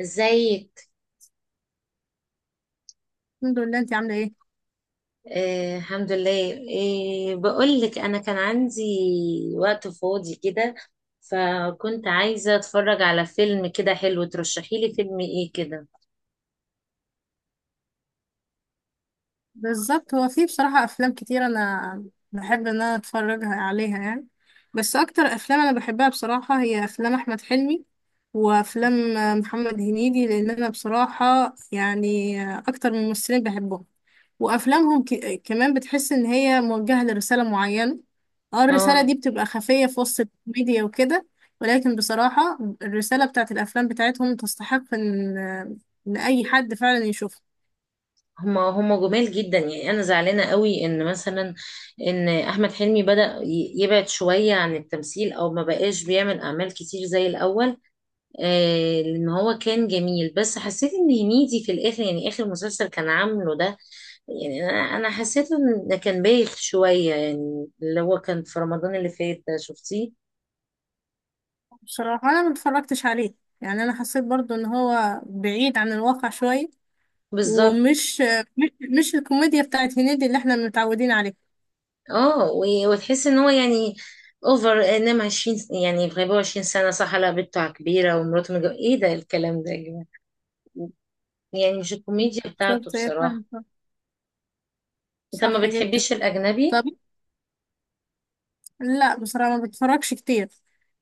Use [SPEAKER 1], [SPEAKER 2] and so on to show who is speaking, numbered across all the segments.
[SPEAKER 1] ازيك؟
[SPEAKER 2] الحمد لله، انت عامله ايه؟
[SPEAKER 1] آه، الحمد لله. إيه، بقول لك انا كان عندي وقت فاضي كده، فكنت عايزة اتفرج على فيلم كده حلو، ترشحي لي فيلم ايه كده؟
[SPEAKER 2] بالظبط هو في بصراحه افلام كتير انا بحب ان انا اتفرجها عليها يعني. بس اكتر افلام انا بحبها بصراحه هي افلام احمد حلمي وافلام محمد هنيدي، لان انا بصراحه يعني اكتر من ممثلين بحبهم وافلامهم. كمان بتحس ان هي موجهه لرساله معينه. اه، الرساله
[SPEAKER 1] اه.
[SPEAKER 2] دي بتبقى خفيه في وسط الكوميديا وكده. ولكن بصراحه الرساله بتاعت الافلام بتاعتهم تستحق ان اي حد فعلا يشوفها.
[SPEAKER 1] هما جمال جدا، يعني انا زعلانة قوي ان مثلا ان احمد حلمي بدأ يبعد شوية عن التمثيل او ما بقاش بيعمل اعمال كتير زي الاول. لان هو كان جميل، بس حسيت ان هنيدي في الاخر، يعني اخر مسلسل كان عامله ده، يعني انا حسيت ان ده كان بايخ شويه، يعني اللي هو كان في رمضان اللي فات ده، شفتيه؟
[SPEAKER 2] بصراحة أنا ما اتفرجتش عليه. يعني أنا حسيت برضو إن هو بعيد عن الواقع شوية.
[SPEAKER 1] بالظبط.
[SPEAKER 2] ومش مش, مش الكوميديا بتاعت هنيدي اللي احنا متعودين عليها.
[SPEAKER 1] اه، وتحس ان هو يعني اوفر، انما 20 يعني بيبقوا 20 سنه، صح؟ لا، بنته كبيره ومراته متجوزه، ايه ده الكلام ده يا جماعه؟ يعني مش الكوميديا بتاعته
[SPEAKER 2] بالظبط هي فعلا
[SPEAKER 1] بصراحه.
[SPEAKER 2] صح.
[SPEAKER 1] انت
[SPEAKER 2] صح
[SPEAKER 1] ما
[SPEAKER 2] جدا.
[SPEAKER 1] بتحبيش الاجنبي؟
[SPEAKER 2] طب، لا بصراحة ما بتفرجش كتير.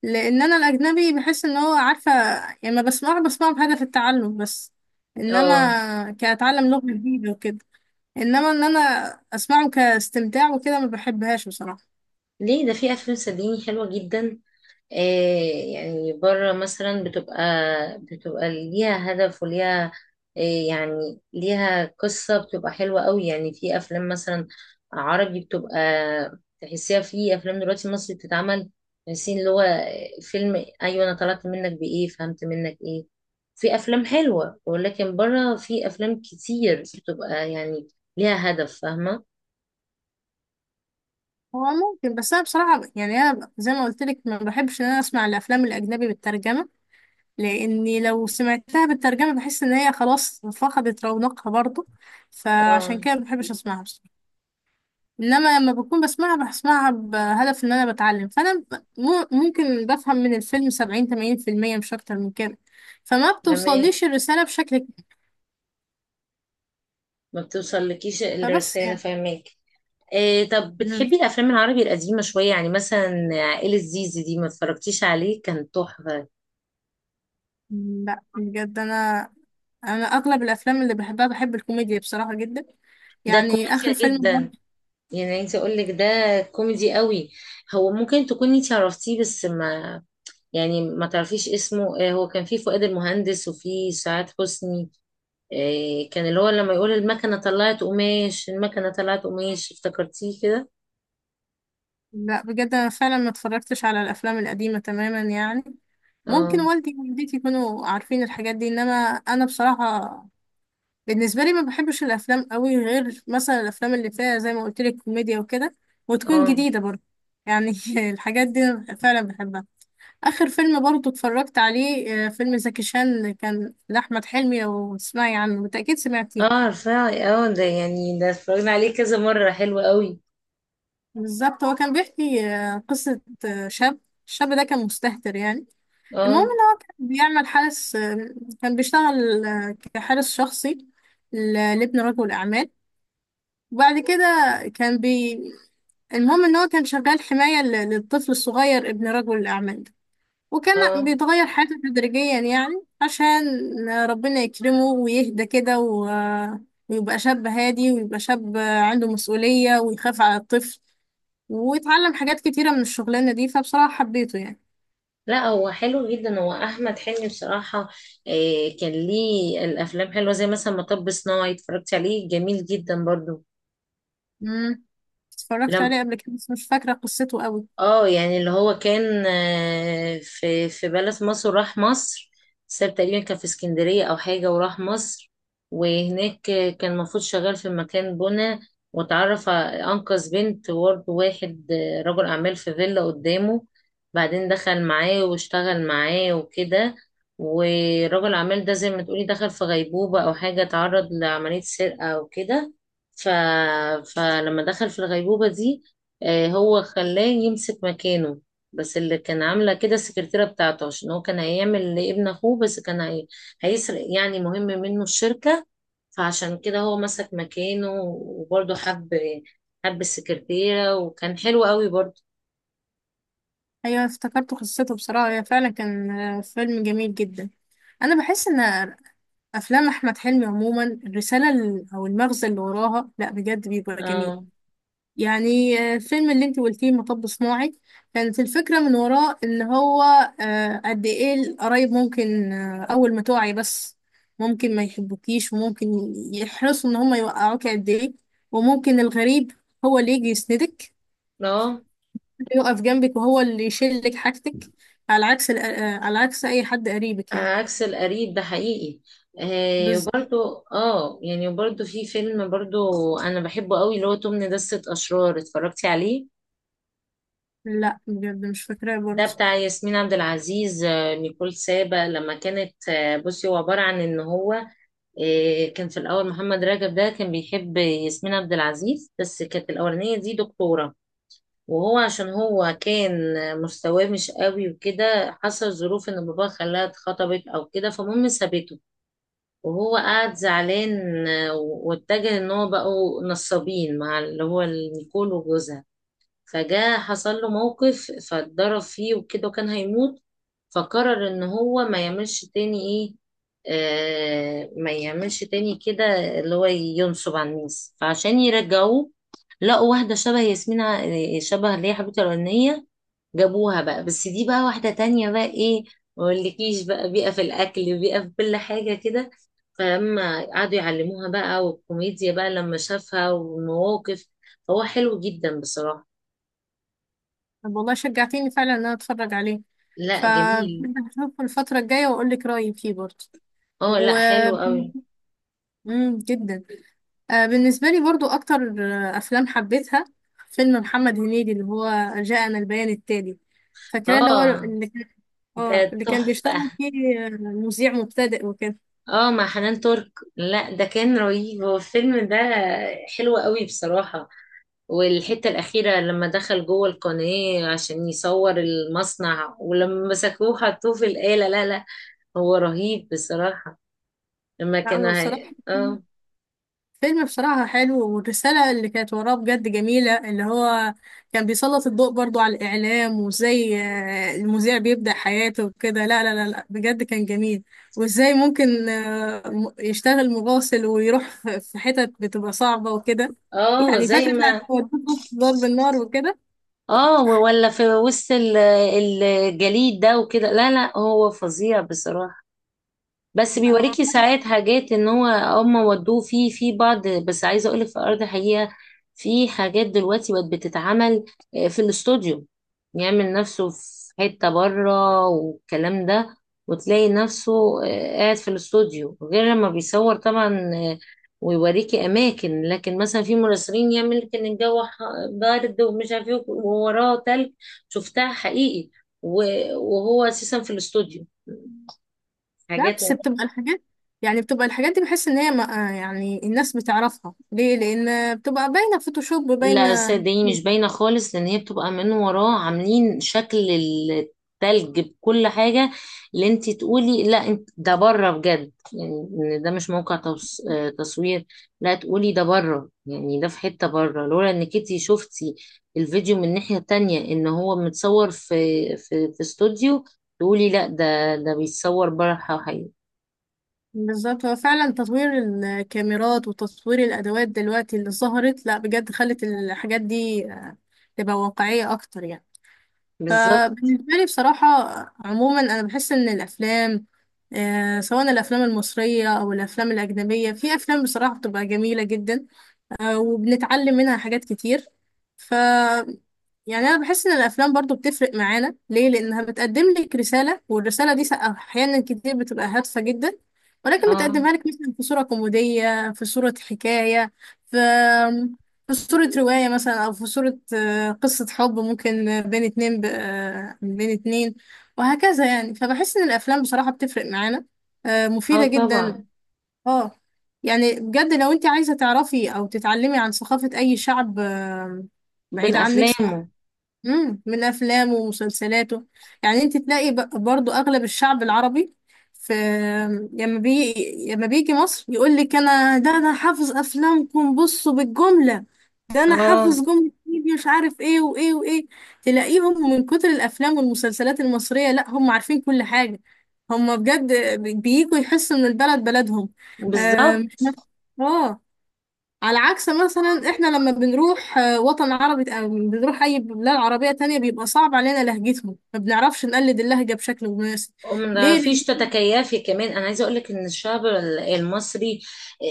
[SPEAKER 2] لأن أنا الأجنبي بحس إن هو عارفة، يعني ما بسمعه بهدف التعلم بس.
[SPEAKER 1] اه،
[SPEAKER 2] إنما كأتعلم لغة جديدة وكده. إنما إن أنا أسمعه كاستمتاع وكده ما بحبهاش بصراحة.
[SPEAKER 1] ليه؟ ده في افلام صدقيني حلوه جدا. إيه، يعني بره مثلا بتبقى، ليها هدف وليها، إيه، يعني ليها قصة، بتبقى حلوة قوي، يعني في أفلام مثلا عربي بتبقى، تحسيها في أفلام دلوقتي مصري بتتعمل، تحسين اللي هو فيلم، أيوة أنا طلعت منك بإيه، فهمت منك إيه؟ في أفلام حلوة، ولكن بره في أفلام كتير بتبقى يعني ليها هدف، فاهمة؟
[SPEAKER 2] هو ممكن، بس انا بصراحه يعني انا زي ما قلت لك ما بحبش ان انا اسمع الافلام الاجنبي بالترجمه. لاني لو سمعتها بالترجمه بحس ان هي خلاص فقدت رونقها برضو.
[SPEAKER 1] اه،
[SPEAKER 2] فعشان كده ما بحبش اسمعها بصراحه. انما لما بكون بسمعها بهدف ان انا بتعلم. فانا ممكن بفهم من الفيلم 70 80% مش اكتر من كده. فما
[SPEAKER 1] فاهماك.
[SPEAKER 2] بتوصليش الرساله بشكل كبير.
[SPEAKER 1] ما بتوصلكيش
[SPEAKER 2] فبس
[SPEAKER 1] الرسالة،
[SPEAKER 2] يعني.
[SPEAKER 1] فاهماك. إيه، طب
[SPEAKER 2] مم.
[SPEAKER 1] بتحبي الافلام العربي القديمه شويه؟ يعني مثلا عائله زيزي دي ما اتفرجتيش عليه؟ كان تحفه،
[SPEAKER 2] لا، بجد انا اغلب الافلام اللي بحبها بحب الكوميديا بصراحه جدا.
[SPEAKER 1] ده
[SPEAKER 2] يعني اخر
[SPEAKER 1] كوميديا
[SPEAKER 2] فيلم
[SPEAKER 1] جدا،
[SPEAKER 2] برضه-
[SPEAKER 1] يعني عايزه اقول لك ده كوميدي قوي. هو ممكن تكوني انت عرفتيه، بس ما، يعني ما تعرفيش اسمه إيه، هو كان فيه فؤاد المهندس وفيه سعاد حسني. إيه، كان اللي هو لما يقول المكنه طلعت قماش المكنه طلعت قماش، افتكرتيه كده؟
[SPEAKER 2] لا، بجد انا فعلا ما اتفرجتش على الافلام القديمه تماما يعني. ممكن
[SPEAKER 1] اه،
[SPEAKER 2] والدي ووالدتي يكونوا عارفين الحاجات دي، انما انا بصراحه بالنسبه لي ما بحبش الافلام قوي غير مثلا الافلام اللي فيها زي ما قلت لك كوميديا وكده، وتكون
[SPEAKER 1] اه،
[SPEAKER 2] جديده برضه. يعني الحاجات دي أنا فعلا بحبها. اخر فيلم برضه اتفرجت عليه فيلم زكي شان كان لاحمد حلمي، لو تسمعي عنه بالتاكيد
[SPEAKER 1] اه،
[SPEAKER 2] سمعتيه.
[SPEAKER 1] عارفاه. اه، ده يعني ده اتفرجنا عليه كذا مره، حلو قوي.
[SPEAKER 2] بالظبط هو كان بيحكي قصة شاب. الشاب ده كان مستهتر يعني. المهم
[SPEAKER 1] اه،
[SPEAKER 2] ان هو كان بيعمل حارس، كان بيشتغل كحارس شخصي ل- لابن رجل أعمال. وبعد كده كان بي المهم ان هو كان شغال حماية للطفل الصغير ابن رجل الأعمال ده. وكان
[SPEAKER 1] اه،
[SPEAKER 2] بيتغير حياته تدريجيا يعني عشان ربنا يكرمه ويهدى كده، ويبقى شاب هادي ويبقى شاب عنده مسؤولية ويخاف على الطفل. واتعلم حاجات كتيرة من الشغلانة دي. فبصراحة حبيته يعني.
[SPEAKER 1] لا هو حلو جدا، هو احمد حلمي بصراحه. إيه، كان ليه الافلام حلوه، زي مثلا مطب صناعي، اتفرجت عليه؟ جميل جدا برضو.
[SPEAKER 2] امم اتفرجت عليه قبل كده بس مش فاكرة قصته قوي.
[SPEAKER 1] اه، يعني اللي هو كان في بلد مصر، وراح مصر، ساب تقريبا، كان في اسكندرية او حاجة، وراح مصر. وهناك كان المفروض شغال في مكان بنا، واتعرف انقذ بنت. وبرضه واحد رجل اعمال في فيلا قدامه، بعدين دخل معاه واشتغل معاه وكده. ورجل الاعمال ده، زي ما تقولي، دخل في غيبوبة او حاجة، اتعرض لعملية سرقة او كده. ف... فلما دخل في الغيبوبة دي، هو خلاه يمسك مكانه. بس اللي كان عاملة كده السكرتيرة بتاعته، عشان هو كان هيعمل لابن أخوه، بس كان هيسرق يعني، مهم، منه الشركة. فعشان كده هو مسك مكانه، وبرضه حب السكرتيرة، وكان حلو قوي برضه.
[SPEAKER 2] ايوه افتكرت قصته، بصراحة هي فعلا كان فيلم جميل جدا. انا بحس ان افلام احمد حلمي عموما الرسالة او المغزى اللي وراها لا بجد بيبقى جميل.
[SPEAKER 1] اه،
[SPEAKER 2] يعني الفيلم اللي انت قلتيه مطب صناعي. كانت الفكرة من وراه ان هو قد ايه القرايب ممكن، اول ما توعي بس ممكن ما يحبوكيش وممكن يحرصوا ان هم يوقعوك قد ايه. وممكن الغريب هو اللي يجي يسندك،
[SPEAKER 1] اه،
[SPEAKER 2] اللي يقف جنبك وهو اللي يشيلك حاجتك. على عكس اي حد قريبك يعني.
[SPEAKER 1] عكس القريب ده حقيقي. آه
[SPEAKER 2] بس
[SPEAKER 1] وبرضه اه يعني وبرضه في فيلم برضه أنا بحبه قوي، اللي هو توم ندسة أشرار، اتفرجتي عليه؟
[SPEAKER 2] لا، بجد مش فاكراه
[SPEAKER 1] ده
[SPEAKER 2] برضه.
[SPEAKER 1] بتاع ياسمين عبد العزيز، نيكول سابا لما كانت، بصي، هو عبارة عن ان هو كان في الاول محمد رجب ده كان بيحب ياسمين عبد العزيز، بس كانت الاولانية دي دكتورة، وهو عشان هو كان مستواه مش قوي وكده، حصل ظروف ان باباه خلاها اتخطبت او كده، فالمهم سابته. وهو قعد زعلان، واتجه ان هو بقوا نصابين مع اللي هو نيكول وجوزها. فجاء حصل له موقف، فاتضرب فيه وكده، وكان هيموت. فقرر ان هو ما يعملش تاني ايه، ما يعملش تاني كده اللي هو ينصب على الناس. فعشان يرجعوه، لقوا واحدة شبه ياسمين شبه اللي هي حبيبته الأولانية. جابوها بقى، بس دي بقى واحدة تانية بقى، ايه، ما اقولكيش بقى، بيئة في الأكل، بيئة في كل حاجة كده. فلما قعدوا يعلموها بقى، والكوميديا بقى لما شافها والمواقف، هو حلو جدا بصراحة.
[SPEAKER 2] طب والله شجعتيني فعلا ان انا اتفرج عليه.
[SPEAKER 1] لا جميل،
[SPEAKER 2] فهشوف الفترة الجاية واقول لك رأيي فيه برضه.
[SPEAKER 1] اه،
[SPEAKER 2] و
[SPEAKER 1] لا حلو قوي.
[SPEAKER 2] مم، جدا. بالنسبة لي برضو أكتر أفلام حبيتها فيلم محمد هنيدي اللي هو جاءنا البيان التالي، فاكراه اللي هو
[SPEAKER 1] اه،
[SPEAKER 2] اللي كان. اه،
[SPEAKER 1] ده
[SPEAKER 2] اللي كان بيشتغل
[SPEAKER 1] تحفة.
[SPEAKER 2] فيه مذيع مبتدئ وكده.
[SPEAKER 1] اه، مع حنان ترك. لا، ده كان رهيب هو الفيلم ده، حلو قوي بصراحة. والحتة الأخيرة لما دخل جوه القناة عشان يصور المصنع ولما مسكوه حطوه في الآلة، لا لا، هو رهيب بصراحة. لما
[SPEAKER 2] لا
[SPEAKER 1] كان
[SPEAKER 2] هو بصراحة
[SPEAKER 1] اه.
[SPEAKER 2] فيلم بصراحة حلو، والرسالة اللي كانت وراه بجد جميلة. اللي هو كان بيسلط الضوء برضو على الإعلام، وإزاي المذيع بيبدأ حياته وكده. لا، لا، لا، لا، بجد كان جميل. وإزاي ممكن يشتغل مراسل ويروح في حتت بتبقى صعبة وكده.
[SPEAKER 1] اه،
[SPEAKER 2] يعني
[SPEAKER 1] زي
[SPEAKER 2] فاكرة
[SPEAKER 1] ما،
[SPEAKER 2] بتاعت ودوه وسط ضرب النار وكده.
[SPEAKER 1] اه، ولا في وسط الجليد ده وكده. لا لا، هو فظيع بصراحة. بس
[SPEAKER 2] لا هو-
[SPEAKER 1] بيوريكي ساعات حاجات، ان هو هما ودوه فيه في بعض، بس عايزه اقولك في ارض حقيقه، في حاجات دلوقتي بقت بتتعمل في الاستوديو. يعمل نفسه في حته بره والكلام ده، وتلاقي نفسه قاعد في الاستوديو، غير لما بيصور طبعا. آه، ويوريكي اماكن، لكن مثلا في مراسلين يعمل لك ان الجو بارد ومش عارف ايه، ووراه تلج، شفتها حقيقي. وهو اساسا في الاستوديو
[SPEAKER 2] لا،
[SPEAKER 1] حاجات.
[SPEAKER 2] بس بتبقى الحاجات. يعني بتبقى الحاجات دي بحس إن هي يعني الناس بتعرفها ليه؟ لأن بتبقى باينة فوتوشوب
[SPEAKER 1] لا،
[SPEAKER 2] باينة.
[SPEAKER 1] صدقيني مش باينة خالص، لأن هي بتبقى من وراه عاملين شكل التلج بكل حاجة. اللي انت تقولي لا انت، ده بره بجد، يعني ان ده مش موقع توص... آه، تصوير. لا، تقولي ده بره، يعني ده في حتة بره، لولا انك انت شفتي الفيديو من ناحية تانية ان هو متصور في استوديو، تقولي لا ده بيتصور بره حقيقي.
[SPEAKER 2] بالظبط هو فعلا تطوير الكاميرات وتطوير الأدوات دلوقتي اللي ظهرت لا بجد خلت الحاجات دي تبقى واقعية أكتر يعني.
[SPEAKER 1] بالظبط.
[SPEAKER 2] فبالنسبة لي بصراحة عموما أنا بحس إن الأفلام سواء الأفلام المصرية أو الأفلام الأجنبية في أفلام بصراحة بتبقى جميلة جدا. وبنتعلم منها حاجات كتير. ف يعني انا بحس ان الافلام برضو بتفرق معانا ليه لانها بتقدم لك رساله، والرساله دي احيانا كتير بتبقى هادفه جدا. ولكن
[SPEAKER 1] اه،
[SPEAKER 2] بتقدمها لك مثلا في صوره كوميديه، في صوره حكايه، في في صوره روايه مثلا، او في صوره قصه حب ممكن بين اتنين. وهكذا يعني، فبحس ان الافلام بصراحه بتفرق معانا،
[SPEAKER 1] اه،
[SPEAKER 2] مفيده جدا.
[SPEAKER 1] طبعا.
[SPEAKER 2] اه، يعني بجد لو انت عايزة تعرفي او تتعلمي عن ثقافة اي شعب
[SPEAKER 1] بين
[SPEAKER 2] بعيد عنك،
[SPEAKER 1] افلامه.
[SPEAKER 2] من افلامه ومسلسلاته. يعني انت تلاقي برضو اغلب الشعب العربي، في لما بي لما بيجي مصر يقول لك: انا ده انا حافظ افلامكم بصوا بالجمله. ده انا حافظ
[SPEAKER 1] اه،
[SPEAKER 2] جمله، إيه مش عارف ايه وايه وايه. تلاقيهم من كتر الافلام والمسلسلات المصريه، لا هم عارفين كل حاجه. هم بجد بييجوا يحسوا ان البلد بلدهم. آه، مش
[SPEAKER 1] بالظبط.
[SPEAKER 2] مف- اه. على عكس مثلا احنا لما بنروح وطن عربي أو بنروح اي بلاد عربية تانية، بيبقى صعب علينا لهجتهم، ما بنعرفش نقلد اللهجة بشكل مناسب.
[SPEAKER 1] وما
[SPEAKER 2] ليه
[SPEAKER 1] تعرفيش
[SPEAKER 2] لأن-
[SPEAKER 1] تتكيفي كمان. انا عايزه اقول لك ان الشعب المصري، آه،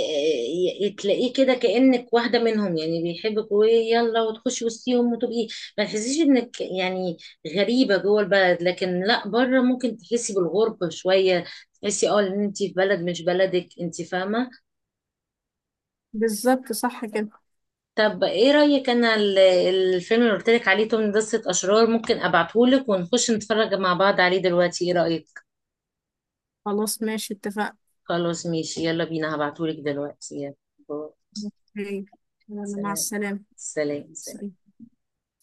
[SPEAKER 1] تلاقيه كده كانك واحده منهم، يعني بيحبك ويلا وتخشي وسطيهم وتبقي، ما تحسيش انك، يعني، غريبه جوه البلد. لكن لا، بره ممكن تحسي بالغربه شويه، تحسي ان انت في بلد مش بلدك، انت فاهمه؟
[SPEAKER 2] بالظبط صح كده.
[SPEAKER 1] طب ايه رايك، انا الفيلم اللي قلت لك عليه توم دسة اشرار، ممكن ابعته لك، ونخش نتفرج مع بعض عليه دلوقتي، ايه رايك؟
[SPEAKER 2] خلاص ماشي، اتفقنا.
[SPEAKER 1] خلاص ماشي، يلا بينا، هبعتهولك دلوقتي، يلا، باي.
[SPEAKER 2] أوكي. يلا مع
[SPEAKER 1] سلام،
[SPEAKER 2] السلامة.
[SPEAKER 1] سلام، سلام.